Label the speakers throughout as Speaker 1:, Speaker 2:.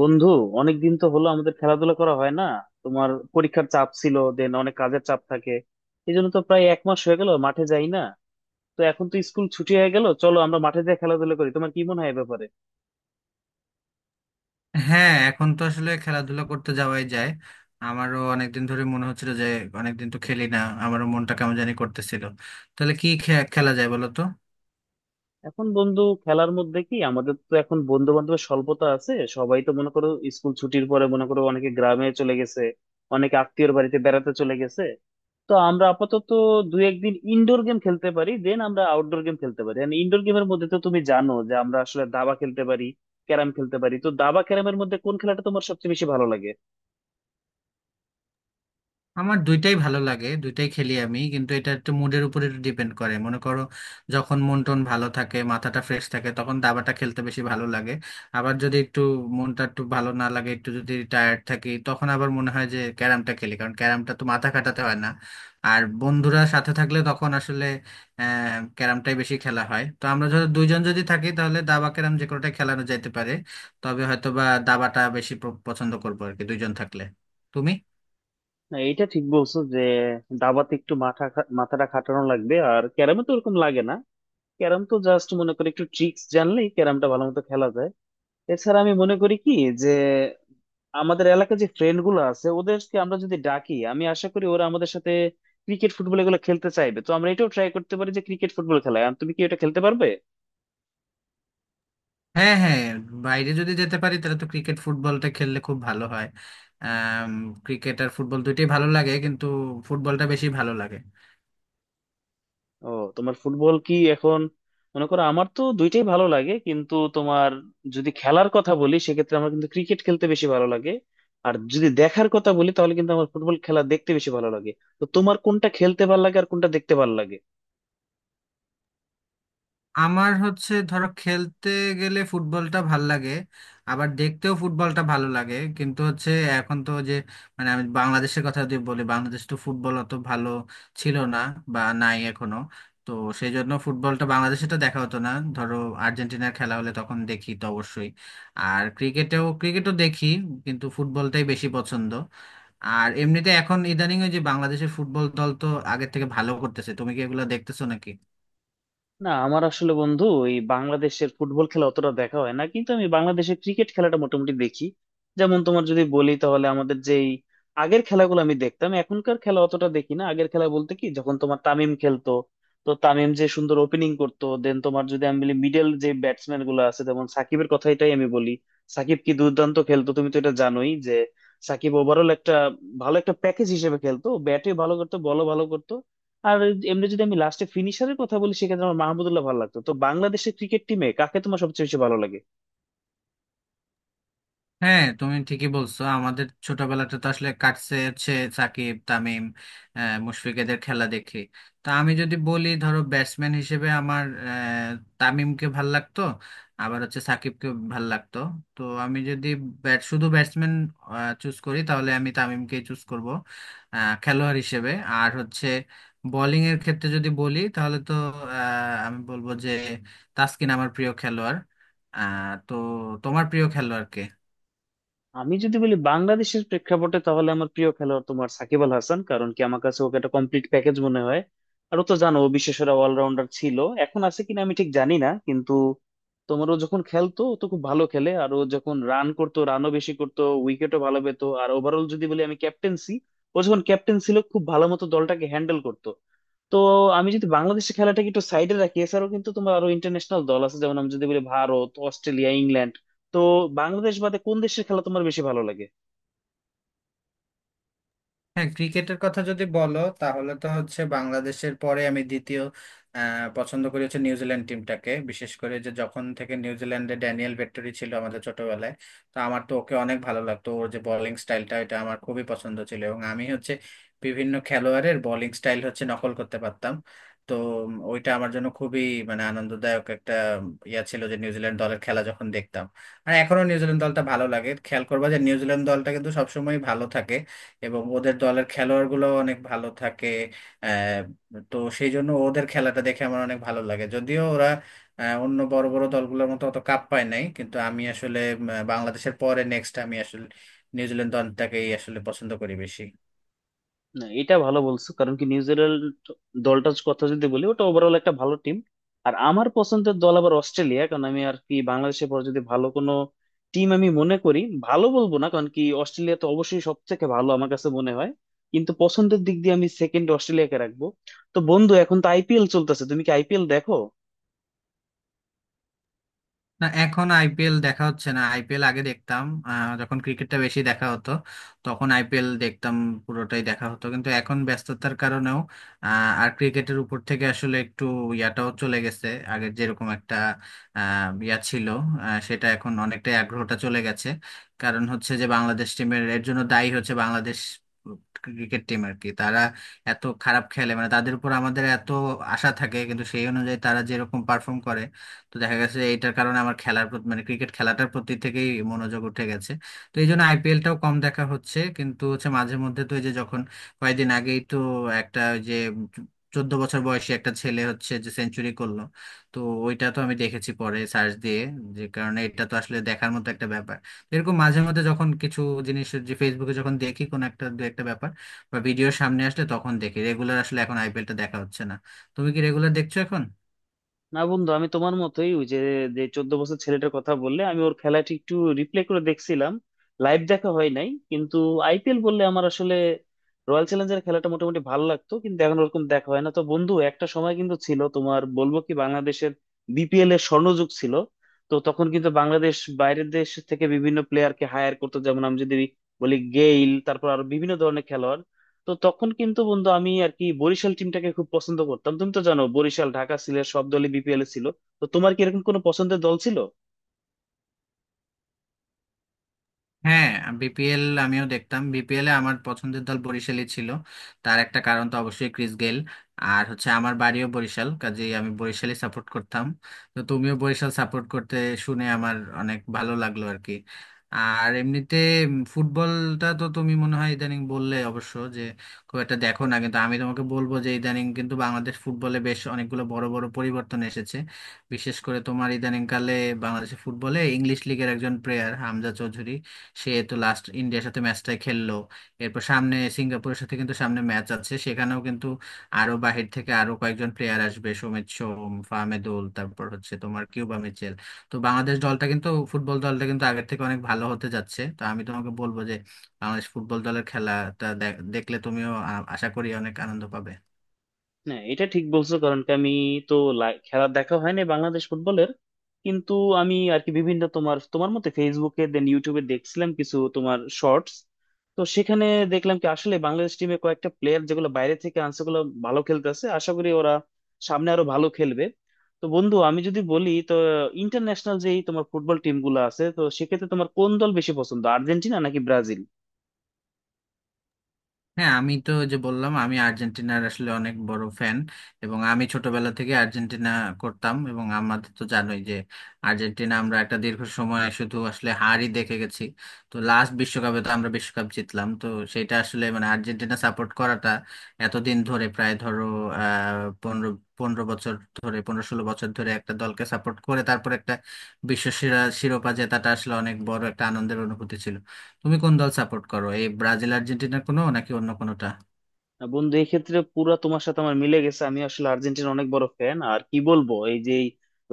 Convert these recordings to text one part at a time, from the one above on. Speaker 1: বন্ধু, অনেকদিন তো হলো আমাদের খেলাধুলা করা হয় না। তোমার পরীক্ষার চাপ ছিল, দেন অনেক কাজের চাপ থাকে। এই জন্য তো প্রায় এক মাস হয়ে গেল মাঠে যাই না। তো এখন তো স্কুল ছুটি হয়ে গেল, চলো আমরা মাঠে যাই খেলাধুলা করি। তোমার কি মনে হয় এ ব্যাপারে?
Speaker 2: হ্যাঁ, এখন তো আসলে খেলাধুলা করতে যাওয়াই যায়। আমারও অনেকদিন ধরে মনে হচ্ছিল যে অনেকদিন তো খেলি না, আমারও মনটা কেমন জানি করতেছিল। তাহলে কি খেলা যায় বলো তো।
Speaker 1: এখন বন্ধু খেলার মধ্যে কি আমাদের তো এখন বন্ধু বান্ধবের স্বল্পতা আছে। সবাই তো মনে করো, স্কুল ছুটির পরে মনে করো অনেকে গ্রামে চলে গেছে, অনেকে আত্মীয়র বাড়িতে বেড়াতে চলে গেছে। তো আমরা আপাতত দু একদিন ইনডোর গেম খেলতে পারি, দেন আমরা আউটডোর গেম খেলতে পারি। এন্ড ইনডোর গেমের মধ্যে তো তুমি জানো যে আমরা আসলে দাবা খেলতে পারি, ক্যারাম খেলতে পারি। তো দাবা ক্যারামের মধ্যে কোন খেলাটা তোমার সবচেয়ে বেশি ভালো লাগে?
Speaker 2: আমার দুইটাই ভালো লাগে, দুইটাই খেলি আমি, কিন্তু এটা একটু মুডের উপর একটু ডিপেন্ড করে, মনে করো। যখন মন টন ভালো থাকে, মাথাটা ফ্রেশ থাকে, তখন দাবাটা খেলতে বেশি ভালো লাগে। আবার যদি একটু মনটা একটু ভালো না লাগে, একটু যদি টায়ার্ড থাকি, তখন আবার মনে হয় যে ক্যারামটা খেলি, কারণ ক্যারামটা তো মাথা খাটাতে হয় না। আর বন্ধুরা সাথে থাকলে তখন আসলে ক্যারামটাই বেশি খেলা হয়। তো আমরা ধরো দুইজন যদি থাকি তাহলে দাবা ক্যারাম যে কোনোটাই খেলানো যেতে পারে, তবে হয়তো বা দাবাটা বেশি পছন্দ করবো আর কি দুইজন থাকলে। তুমি।
Speaker 1: না, এটা ঠিক বলছো যে দাবাতে একটু মাথা মাথাটা খাটানো লাগবে, আর ক্যারামে তো ওরকম লাগে না। ক্যারাম তো জাস্ট মনে করি একটু ট্রিক্স জানলেই ক্যারামটা ভালো মতো খেলা যায়। এছাড়া আমি মনে করি কি, যে আমাদের এলাকার যে ফ্রেন্ড গুলো আছে ওদেরকে আমরা যদি ডাকি আমি আশা করি ওরা আমাদের সাথে ক্রিকেট ফুটবল এগুলো খেলতে চাইবে। তো আমরা এটাও ট্রাই করতে পারি যে ক্রিকেট ফুটবল খেলায়। তুমি কি এটা খেলতে পারবে?
Speaker 2: হ্যাঁ, হ্যাঁ, বাইরে যদি যেতে পারি তাহলে তো ক্রিকেট ফুটবলটা খেললে খুব ভালো হয়। ক্রিকেট আর ফুটবল দুইটাই ভালো লাগে, কিন্তু ফুটবলটা বেশি ভালো লাগে।
Speaker 1: ও, তোমার ফুটবল কি এখন মনে করো আমার তো দুইটাই ভালো লাগে, কিন্তু তোমার যদি খেলার কথা বলি সেক্ষেত্রে আমার কিন্তু ক্রিকেট খেলতে বেশি ভালো লাগে। আর যদি দেখার কথা বলি তাহলে কিন্তু আমার ফুটবল খেলা দেখতে বেশি ভালো লাগে। তো তোমার কোনটা খেলতে ভালো লাগে আর কোনটা দেখতে ভালো লাগে?
Speaker 2: আমার হচ্ছে ধরো খেলতে গেলে ফুটবলটা ভাল লাগে, আবার দেখতেও ফুটবলটা ভালো লাগে, কিন্তু হচ্ছে এখন তো যে মানে আমি বাংলাদেশের কথা যদি বলি, বাংলাদেশ তো ফুটবল অত ভালো ছিল না বা নাই এখনো। তো সেই জন্য ফুটবলটা বাংলাদেশে তো দেখা হতো না। ধরো আর্জেন্টিনার খেলা হলে তখন দেখি তো অবশ্যই, আর ক্রিকেটেও ক্রিকেটও দেখি, কিন্তু ফুটবলটাই বেশি পছন্দ। আর এমনিতে এখন ইদানিং ওই যে বাংলাদেশের ফুটবল দল তো আগের থেকে ভালো করতেছে, তুমি কি এগুলো দেখতেছো নাকি?
Speaker 1: না, আমার আসলে বন্ধু এই বাংলাদেশের ফুটবল খেলা অতটা দেখা হয় না, কিন্তু আমি বাংলাদেশের ক্রিকেট খেলাটা মোটামুটি দেখি। যেমন তোমার যদি বলি তাহলে আমাদের যেই আগের খেলাগুলো আমি দেখতাম, এখনকার খেলা অতটা দেখি না। আগের খেলা বলতে কি যখন তোমার তামিম খেলতো, তো তামিম যে সুন্দর ওপেনিং করতো, দেন তোমার যদি আমি বলি মিডল যে ব্যাটসম্যান গুলো আছে, যেমন সাকিবের কথাটাই আমি বলি। সাকিব কি দুর্দান্ত খেলতো, তুমি তো এটা জানোই যে সাকিব ওভারঅল একটা ভালো একটা প্যাকেজ হিসেবে খেলতো, ব্যাটে ভালো করতো বলও ভালো করতো। আর এমনি যদি আমি লাস্টে ফিনিশারের কথা বলি সেক্ষেত্রে আমার মাহমুদুল্লাহ ভালো লাগতো। তো বাংলাদেশের ক্রিকেট টিমে কাকে তোমার সবচেয়ে বেশি ভালো লাগে?
Speaker 2: হ্যাঁ, তুমি ঠিকই বলছো, আমাদের ছোটবেলাটা তো আসলে কাটছে হচ্ছে সাকিব তামিম মুশফিকদের খেলা দেখে। তা আমি যদি বলি ধরো ব্যাটসম্যান হিসেবে আমার তামিমকে ভাল লাগতো, আবার হচ্ছে সাকিবকে ভাল লাগতো। তো আমি যদি শুধু ব্যাটসম্যান চুজ করি তাহলে আমি তামিমকে চুজ করব খেলোয়াড় হিসেবে। আর হচ্ছে বোলিং এর ক্ষেত্রে যদি বলি তাহলে তো আমি বলবো যে তাসকিন আমার প্রিয় খেলোয়াড়। তো তোমার প্রিয় খেলোয়াড় কে?
Speaker 1: আমি যদি বলি বাংলাদেশের প্রেক্ষাপটে তাহলে আমার প্রিয় খেলোয়াড় তোমার সাকিব আল হাসান, কারণ কি আমার কাছে ওকে একটা কমপ্লিট প্যাকেজ মনে হয়। আর ও তো জানো ও বিশ্বসেরা অলরাউন্ডার ছিল, এখন আছে কিনা আমি ঠিক জানি না। কিন্তু তোমার ও যখন খেলতো ও তো খুব ভালো খেলে, আর ও যখন রান করতো রানও বেশি করতো উইকেটও ভালো পেতো। আর ওভারঅল যদি বলি আমি ক্যাপ্টেন্সি, ও যখন ক্যাপ্টেন ছিল খুব ভালো মতো দলটাকে হ্যান্ডেল করতো। তো আমি যদি বাংলাদেশের খেলাটাকে একটু সাইডে রাখি, এছাড়াও কিন্তু তোমার আরো ইন্টারন্যাশনাল দল আছে, যেমন আমি যদি বলি ভারত, অস্ট্রেলিয়া, ইংল্যান্ড। তো বাংলাদেশ বাদে কোন দেশের খেলা তোমার বেশি ভালো লাগে?
Speaker 2: হ্যাঁ, ক্রিকেটের কথা যদি বলো তাহলে তো হচ্ছে বাংলাদেশের পরে আমি দ্বিতীয় পছন্দ করি হচ্ছে নিউজিল্যান্ড টিমটাকে। বিশেষ করে যে যখন থেকে নিউজিল্যান্ডে ড্যানিয়েল ভেট্টরি ছিল আমাদের ছোটবেলায়, তো আমার তো ওকে অনেক ভালো লাগতো। ওর যে বোলিং স্টাইলটা এটা আমার খুবই পছন্দ ছিল, এবং আমি হচ্ছে বিভিন্ন খেলোয়াড়ের বোলিং স্টাইল হচ্ছে নকল করতে পারতাম। তো ওইটা আমার জন্য খুবই মানে আনন্দদায়ক একটা ইয়া ছিল, যে নিউজিল্যান্ড দলের খেলা যখন দেখতাম। আর এখনো নিউজিল্যান্ড দলটা ভালো লাগে, খেয়াল করবা যে নিউজিল্যান্ড দলটা কিন্তু সবসময় ভালো থাকে এবং ওদের দলের খেলোয়াড়গুলো অনেক ভালো থাকে। আহ, তো সেই জন্য ওদের খেলাটা দেখে আমার অনেক ভালো লাগে। যদিও ওরা অন্য বড় বড় দলগুলোর মতো অত কাপ পায় নাই, কিন্তু আমি আসলে বাংলাদেশের পরে নেক্সট আমি আসলে নিউজিল্যান্ড দলটাকেই আসলে পছন্দ করি বেশি।
Speaker 1: না, এটা ভালো বলছো, কারণ কি নিউজিল্যান্ড দলটার কথা যদি বলি ওটা ওভারঅল একটা ভালো টিম। আর আমার পছন্দের দল আবার অস্ট্রেলিয়া, কারণ আমি আর কি বাংলাদেশের পর যদি ভালো কোনো টিম আমি মনে করি, ভালো বলবো না কারণ কি অস্ট্রেলিয়া তো অবশ্যই সব থেকে ভালো আমার কাছে মনে হয়। কিন্তু পছন্দের দিক দিয়ে আমি সেকেন্ড অস্ট্রেলিয়াকে রাখবো। তো বন্ধু এখন তো আইপিএল চলতেছে, তুমি কি আইপিএল দেখো?
Speaker 2: না, এখন আইপিএল দেখা হচ্ছে না। আইপিএল আগে দেখতাম যখন ক্রিকেটটা বেশি দেখা হতো তখন আইপিএল দেখতাম, পুরোটাই দেখা হতো। কিন্তু এখন ব্যস্ততার কারণেও আর ক্রিকেটের উপর থেকে আসলে একটু ইয়াটাও চলে গেছে। আগের যেরকম একটা ইয়া ছিল সেটা এখন অনেকটাই আগ্রহটা চলে গেছে। কারণ হচ্ছে যে বাংলাদেশ টিমের, এর জন্য দায়ী হচ্ছে বাংলাদেশ ক্রিকেট টিম আর কি। তারা এত খারাপ খেলে, মানে তাদের উপর আমাদের এত আশা থাকে কিন্তু সেই অনুযায়ী তারা যেরকম পারফর্ম করে, তো দেখা গেছে এটার কারণে আমার খেলার প্রতি, মানে ক্রিকেট খেলাটার প্রতি থেকেই মনোযোগ উঠে গেছে। তো এই জন্য আইপিএলটাও কম দেখা হচ্ছে, কিন্তু হচ্ছে মাঝে মধ্যে। তো এই যে যখন কয়েকদিন আগেই তো একটা ওই যে 14 বছর বয়সী একটা ছেলে হচ্ছে যে সেঞ্চুরি করলো, তো ওইটা তো আমি দেখেছি পরে সার্চ দিয়ে। যে কারণে এটা তো আসলে দেখার মতো একটা ব্যাপার। তো এরকম মাঝে মধ্যে যখন কিছু জিনিস যে ফেসবুকে যখন দেখি কোন একটা দু একটা ব্যাপার বা ভিডিওর সামনে আসলে তখন দেখি। রেগুলার আসলে এখন আইপিএলটা দেখা হচ্ছে না, তুমি কি রেগুলার দেখছো এখন?
Speaker 1: না বন্ধু, আমি তোমার মতোই ওই যে যে 14 বছর ছেলেটার কথা বললে, আমি ওর খেলাটি একটু রিপ্লে করে দেখছিলাম, লাইভ দেখা হয় নাই। কিন্তু আইপিএল বললে আমার আসলে রয়্যাল চ্যালেঞ্জার্স খেলাটা মোটামুটি ভালো লাগতো, কিন্তু এখন ওরকম দেখা হয় না। তো বন্ধু একটা সময় কিন্তু ছিল, তোমার বলবো কি বাংলাদেশের বিপিএল এর স্বর্ণযুগ ছিল। তো তখন কিন্তু বাংলাদেশ বাইরের দেশ থেকে বিভিন্ন প্লেয়ারকে হায়ার করতো, যেমন আমি যদি বলি গেইল, তারপর আরো বিভিন্ন ধরনের খেলোয়াড়। তো তখন কিন্তু বন্ধু আমি আর কি বরিশাল টিমটাকে খুব পছন্দ করতাম, তুমি তো জানো বরিশাল, ঢাকা, সিলেট সব দলই বিপিএল এ ছিল। তো তোমার কি এরকম কোনো পছন্দের দল ছিল?
Speaker 2: হ্যাঁ, বিপিএল আমিও দেখতাম। বিপিএল এ আমার পছন্দের দল বরিশালই ছিল, তার একটা কারণ তো অবশ্যই ক্রিস গেল। আর হচ্ছে আমার বাড়িও বরিশাল, কাজেই আমি বরিশালই সাপোর্ট করতাম। তো তুমিও বরিশাল সাপোর্ট করতে শুনে আমার অনেক ভালো লাগলো আর কি। আর এমনিতে ফুটবলটা তো তুমি মনে হয় ইদানিং বললে অবশ্য যে খুব একটা দেখো না, কিন্তু আমি তোমাকে বলবো যে ইদানিং কিন্তু বাংলাদেশ ফুটবলে বেশ অনেকগুলো বড় বড় পরিবর্তন এসেছে। বিশেষ করে তোমার ইদানিংকালে বাংলাদেশের ফুটবলে ইংলিশ লিগের একজন প্লেয়ার হামজা চৌধুরী, সে তো লাস্ট ইন্ডিয়ার সাথে ম্যাচটাই খেললো। এরপর সামনে সিঙ্গাপুরের সাথে কিন্তু সামনে ম্যাচ আছে, সেখানেও কিন্তু আরো বাহির থেকে আরো কয়েকজন প্লেয়ার আসবে, সৌমিত সোম, ফাহমিদুল, তারপর হচ্ছে তোমার কিউবা মিচেল। তো বাংলাদেশ দলটা কিন্তু, ফুটবল দলটা কিন্তু আগের থেকে অনেক ভালো হতে যাচ্ছে। তো আমি তোমাকে বলবো যে বাংলাদেশ ফুটবল দলের খেলাটা দেখলে তুমিও আশা করি অনেক আনন্দ পাবে।
Speaker 1: না, এটা ঠিক বলছো, কারণ কি আমি তো খেলা দেখা হয়নি বাংলাদেশ ফুটবলের। কিন্তু আমি আর কি বিভিন্ন তোমার তোমার মতে ফেসবুকে, দেন ইউটিউবে দেখছিলাম কিছু তোমার শর্টস। তো সেখানে দেখলাম কি আসলে বাংলাদেশ টিমে কয়েকটা প্লেয়ার যেগুলো বাইরে থেকে আনছে ওগুলো ভালো খেলতেছে, আশা করি ওরা সামনে আরো ভালো খেলবে। তো বন্ধু আমি যদি বলি তো, ইন্টারন্যাশনাল যেই তোমার ফুটবল টিম গুলো আছে, তো সেক্ষেত্রে তোমার কোন দল বেশি পছন্দ, আর্জেন্টিনা নাকি ব্রাজিল?
Speaker 2: হ্যাঁ, আমি তো ওই যে বললাম আমি আর্জেন্টিনার আসলে অনেক বড় ফ্যান, এবং আমি ছোটবেলা থেকে আর্জেন্টিনা করতাম। এবং আমাদের তো জানোই যে আর্জেন্টিনা আমরা একটা দীর্ঘ সময় শুধু আসলে হারই দেখে গেছি। তো লাস্ট বিশ্বকাপে তো আমরা বিশ্বকাপ জিতলাম, তো সেটা আসলে মানে আর্জেন্টিনা সাপোর্ট করাটা এতদিন ধরে প্রায় ধরো আহ পনেরো পনেরো বছর ধরে, 15-16 বছর ধরে একটা দলকে সাপোর্ট করে তারপর একটা বিশ্ব সেরা শিরোপা জেতাটা আসলে অনেক বড় একটা আনন্দের অনুভূতি ছিল। তুমি কোন দল সাপোর্ট করো, এই ব্রাজিল আর্জেন্টিনার কোনো নাকি অন্য কোনোটা?
Speaker 1: না বন্ধু, এক্ষেত্রে পুরা তোমার সাথে আমার মিলে গেছে। আমি আসলে আর্জেন্টিনা অনেক বড় ফ্যান, আর কি বলবো এই যে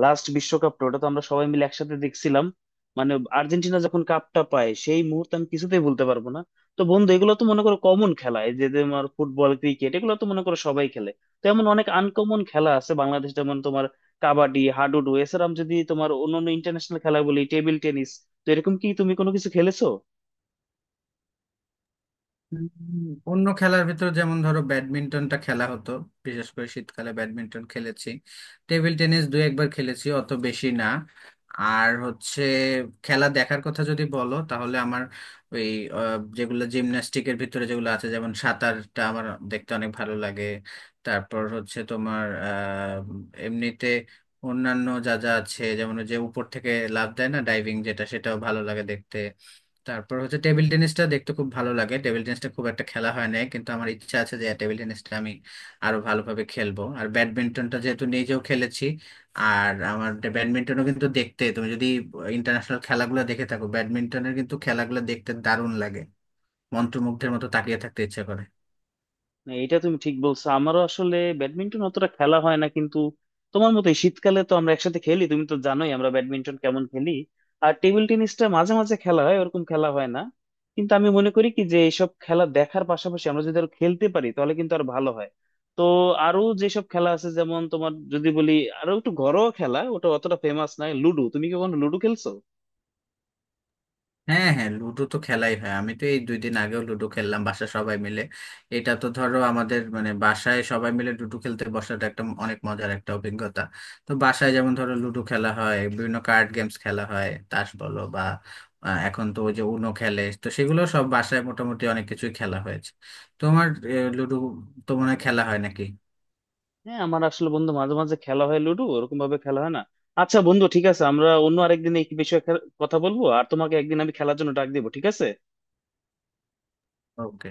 Speaker 1: লাস্ট বিশ্বকাপটা ওটা তো আমরা সবাই মিলে একসাথে দেখছিলাম। মানে আর্জেন্টিনা যখন কাপটা পায় সেই মুহূর্ত আমি কিছুতেই ভুলতে পারবো না। তো বন্ধু এগুলো তো মনে করো কমন খেলা, এই যে তোমার ফুটবল ক্রিকেট এগুলো তো মনে করো সবাই খেলে। তো এমন অনেক আনকমন খেলা আছে বাংলাদেশ, যেমন তোমার কাবাডি, হাডুডু, এছাড়া আমি যদি তোমার অন্যান্য ইন্টারন্যাশনাল খেলা বলি টেবিল টেনিস। তো এরকম কি তুমি কোনো কিছু খেলেছো?
Speaker 2: অন্য খেলার ভিতর যেমন ধরো ব্যাডমিন্টনটা খেলা হতো, বিশেষ করে শীতকালে ব্যাডমিন্টন খেলেছি। টেবিল টেনিস দু একবার খেলেছি, অত বেশি না। আর হচ্ছে খেলা দেখার কথা যদি বলো তাহলে আমার ওই যেগুলো জিমন্যাস্টিকের ভিতরে যেগুলো আছে যেমন সাঁতারটা আমার দেখতে অনেক ভালো লাগে। তারপর হচ্ছে তোমার এমনিতে অন্যান্য যা যা আছে যেমন ওই যে উপর থেকে লাফ দেয় না, ডাইভিং যেটা, সেটাও ভালো লাগে দেখতে। তারপর হচ্ছে টেবিল টেনিসটা দেখতে খুব ভালো লাগে। টেবিল টেনিসটা খুব একটা খেলা হয় না, কিন্তু আমার ইচ্ছা আছে যে টেবিল টেনিসটা আমি আরো ভালোভাবে খেলবো। আর ব্যাডমিন্টনটা যেহেতু নিজেও খেলেছি, আর আমার ব্যাডমিন্টনও কিন্তু দেখতে, তুমি যদি ইন্টারন্যাশনাল খেলাগুলো দেখে থাকো, ব্যাডমিন্টনের কিন্তু খেলাগুলো দেখতে দারুণ লাগে, মন্ত্রমুগ্ধের মতো তাকিয়ে থাকতে ইচ্ছা করে।
Speaker 1: না, এটা তুমি ঠিক বলছো, আমারও আসলে ব্যাডমিন্টন অতটা খেলা হয় না, কিন্তু তোমার মতো এই শীতকালে তো আমরা একসাথে খেলি, তুমি তো জানোই আমরা ব্যাডমিন্টন কেমন খেলি। আর টেবিল টেনিসটা মাঝে মাঝে খেলা হয়, ওরকম খেলা হয় না। কিন্তু আমি মনে করি কি যে এইসব খেলা দেখার পাশাপাশি আমরা যদি আরো খেলতে পারি তাহলে কিন্তু আর ভালো হয়। তো আরো যেসব খেলা আছে যেমন তোমার যদি বলি, আরো একটু ঘরোয়া খেলা, ওটা অতটা ফেমাস নয়, লুডো, তুমি কি কখনো লুডো খেলছো?
Speaker 2: হ্যাঁ, হ্যাঁ, লুডো তো খেলাই হয়। আমি তো এই 2 দিন আগেও লুডো খেললাম বাসায় সবাই মিলে। এটা তো ধরো আমাদের মানে বাসায় সবাই মিলে লুডো খেলতে বসাটা একটা অনেক মজার একটা অভিজ্ঞতা। তো বাসায় যেমন ধরো লুডো খেলা হয়, বিভিন্ন কার্ড গেমস খেলা হয়, তাস বলো বা এখন তো ওই যে উনো খেলে, তো সেগুলো সব বাসায় মোটামুটি অনেক কিছুই খেলা হয়েছে। তোমার লুডো তো মনে হয় খেলা হয় নাকি?
Speaker 1: হ্যাঁ, আমার আসলে বন্ধু মাঝে মাঝে খেলা হয় লুডো, ওরকম ভাবে খেলা হয় না। আচ্ছা বন্ধু ঠিক আছে, আমরা অন্য আরেকদিন এই বিষয়ে কথা বলবো, আর তোমাকে একদিন আমি খেলার জন্য ডাক দিব, ঠিক আছে?
Speaker 2: ওকে।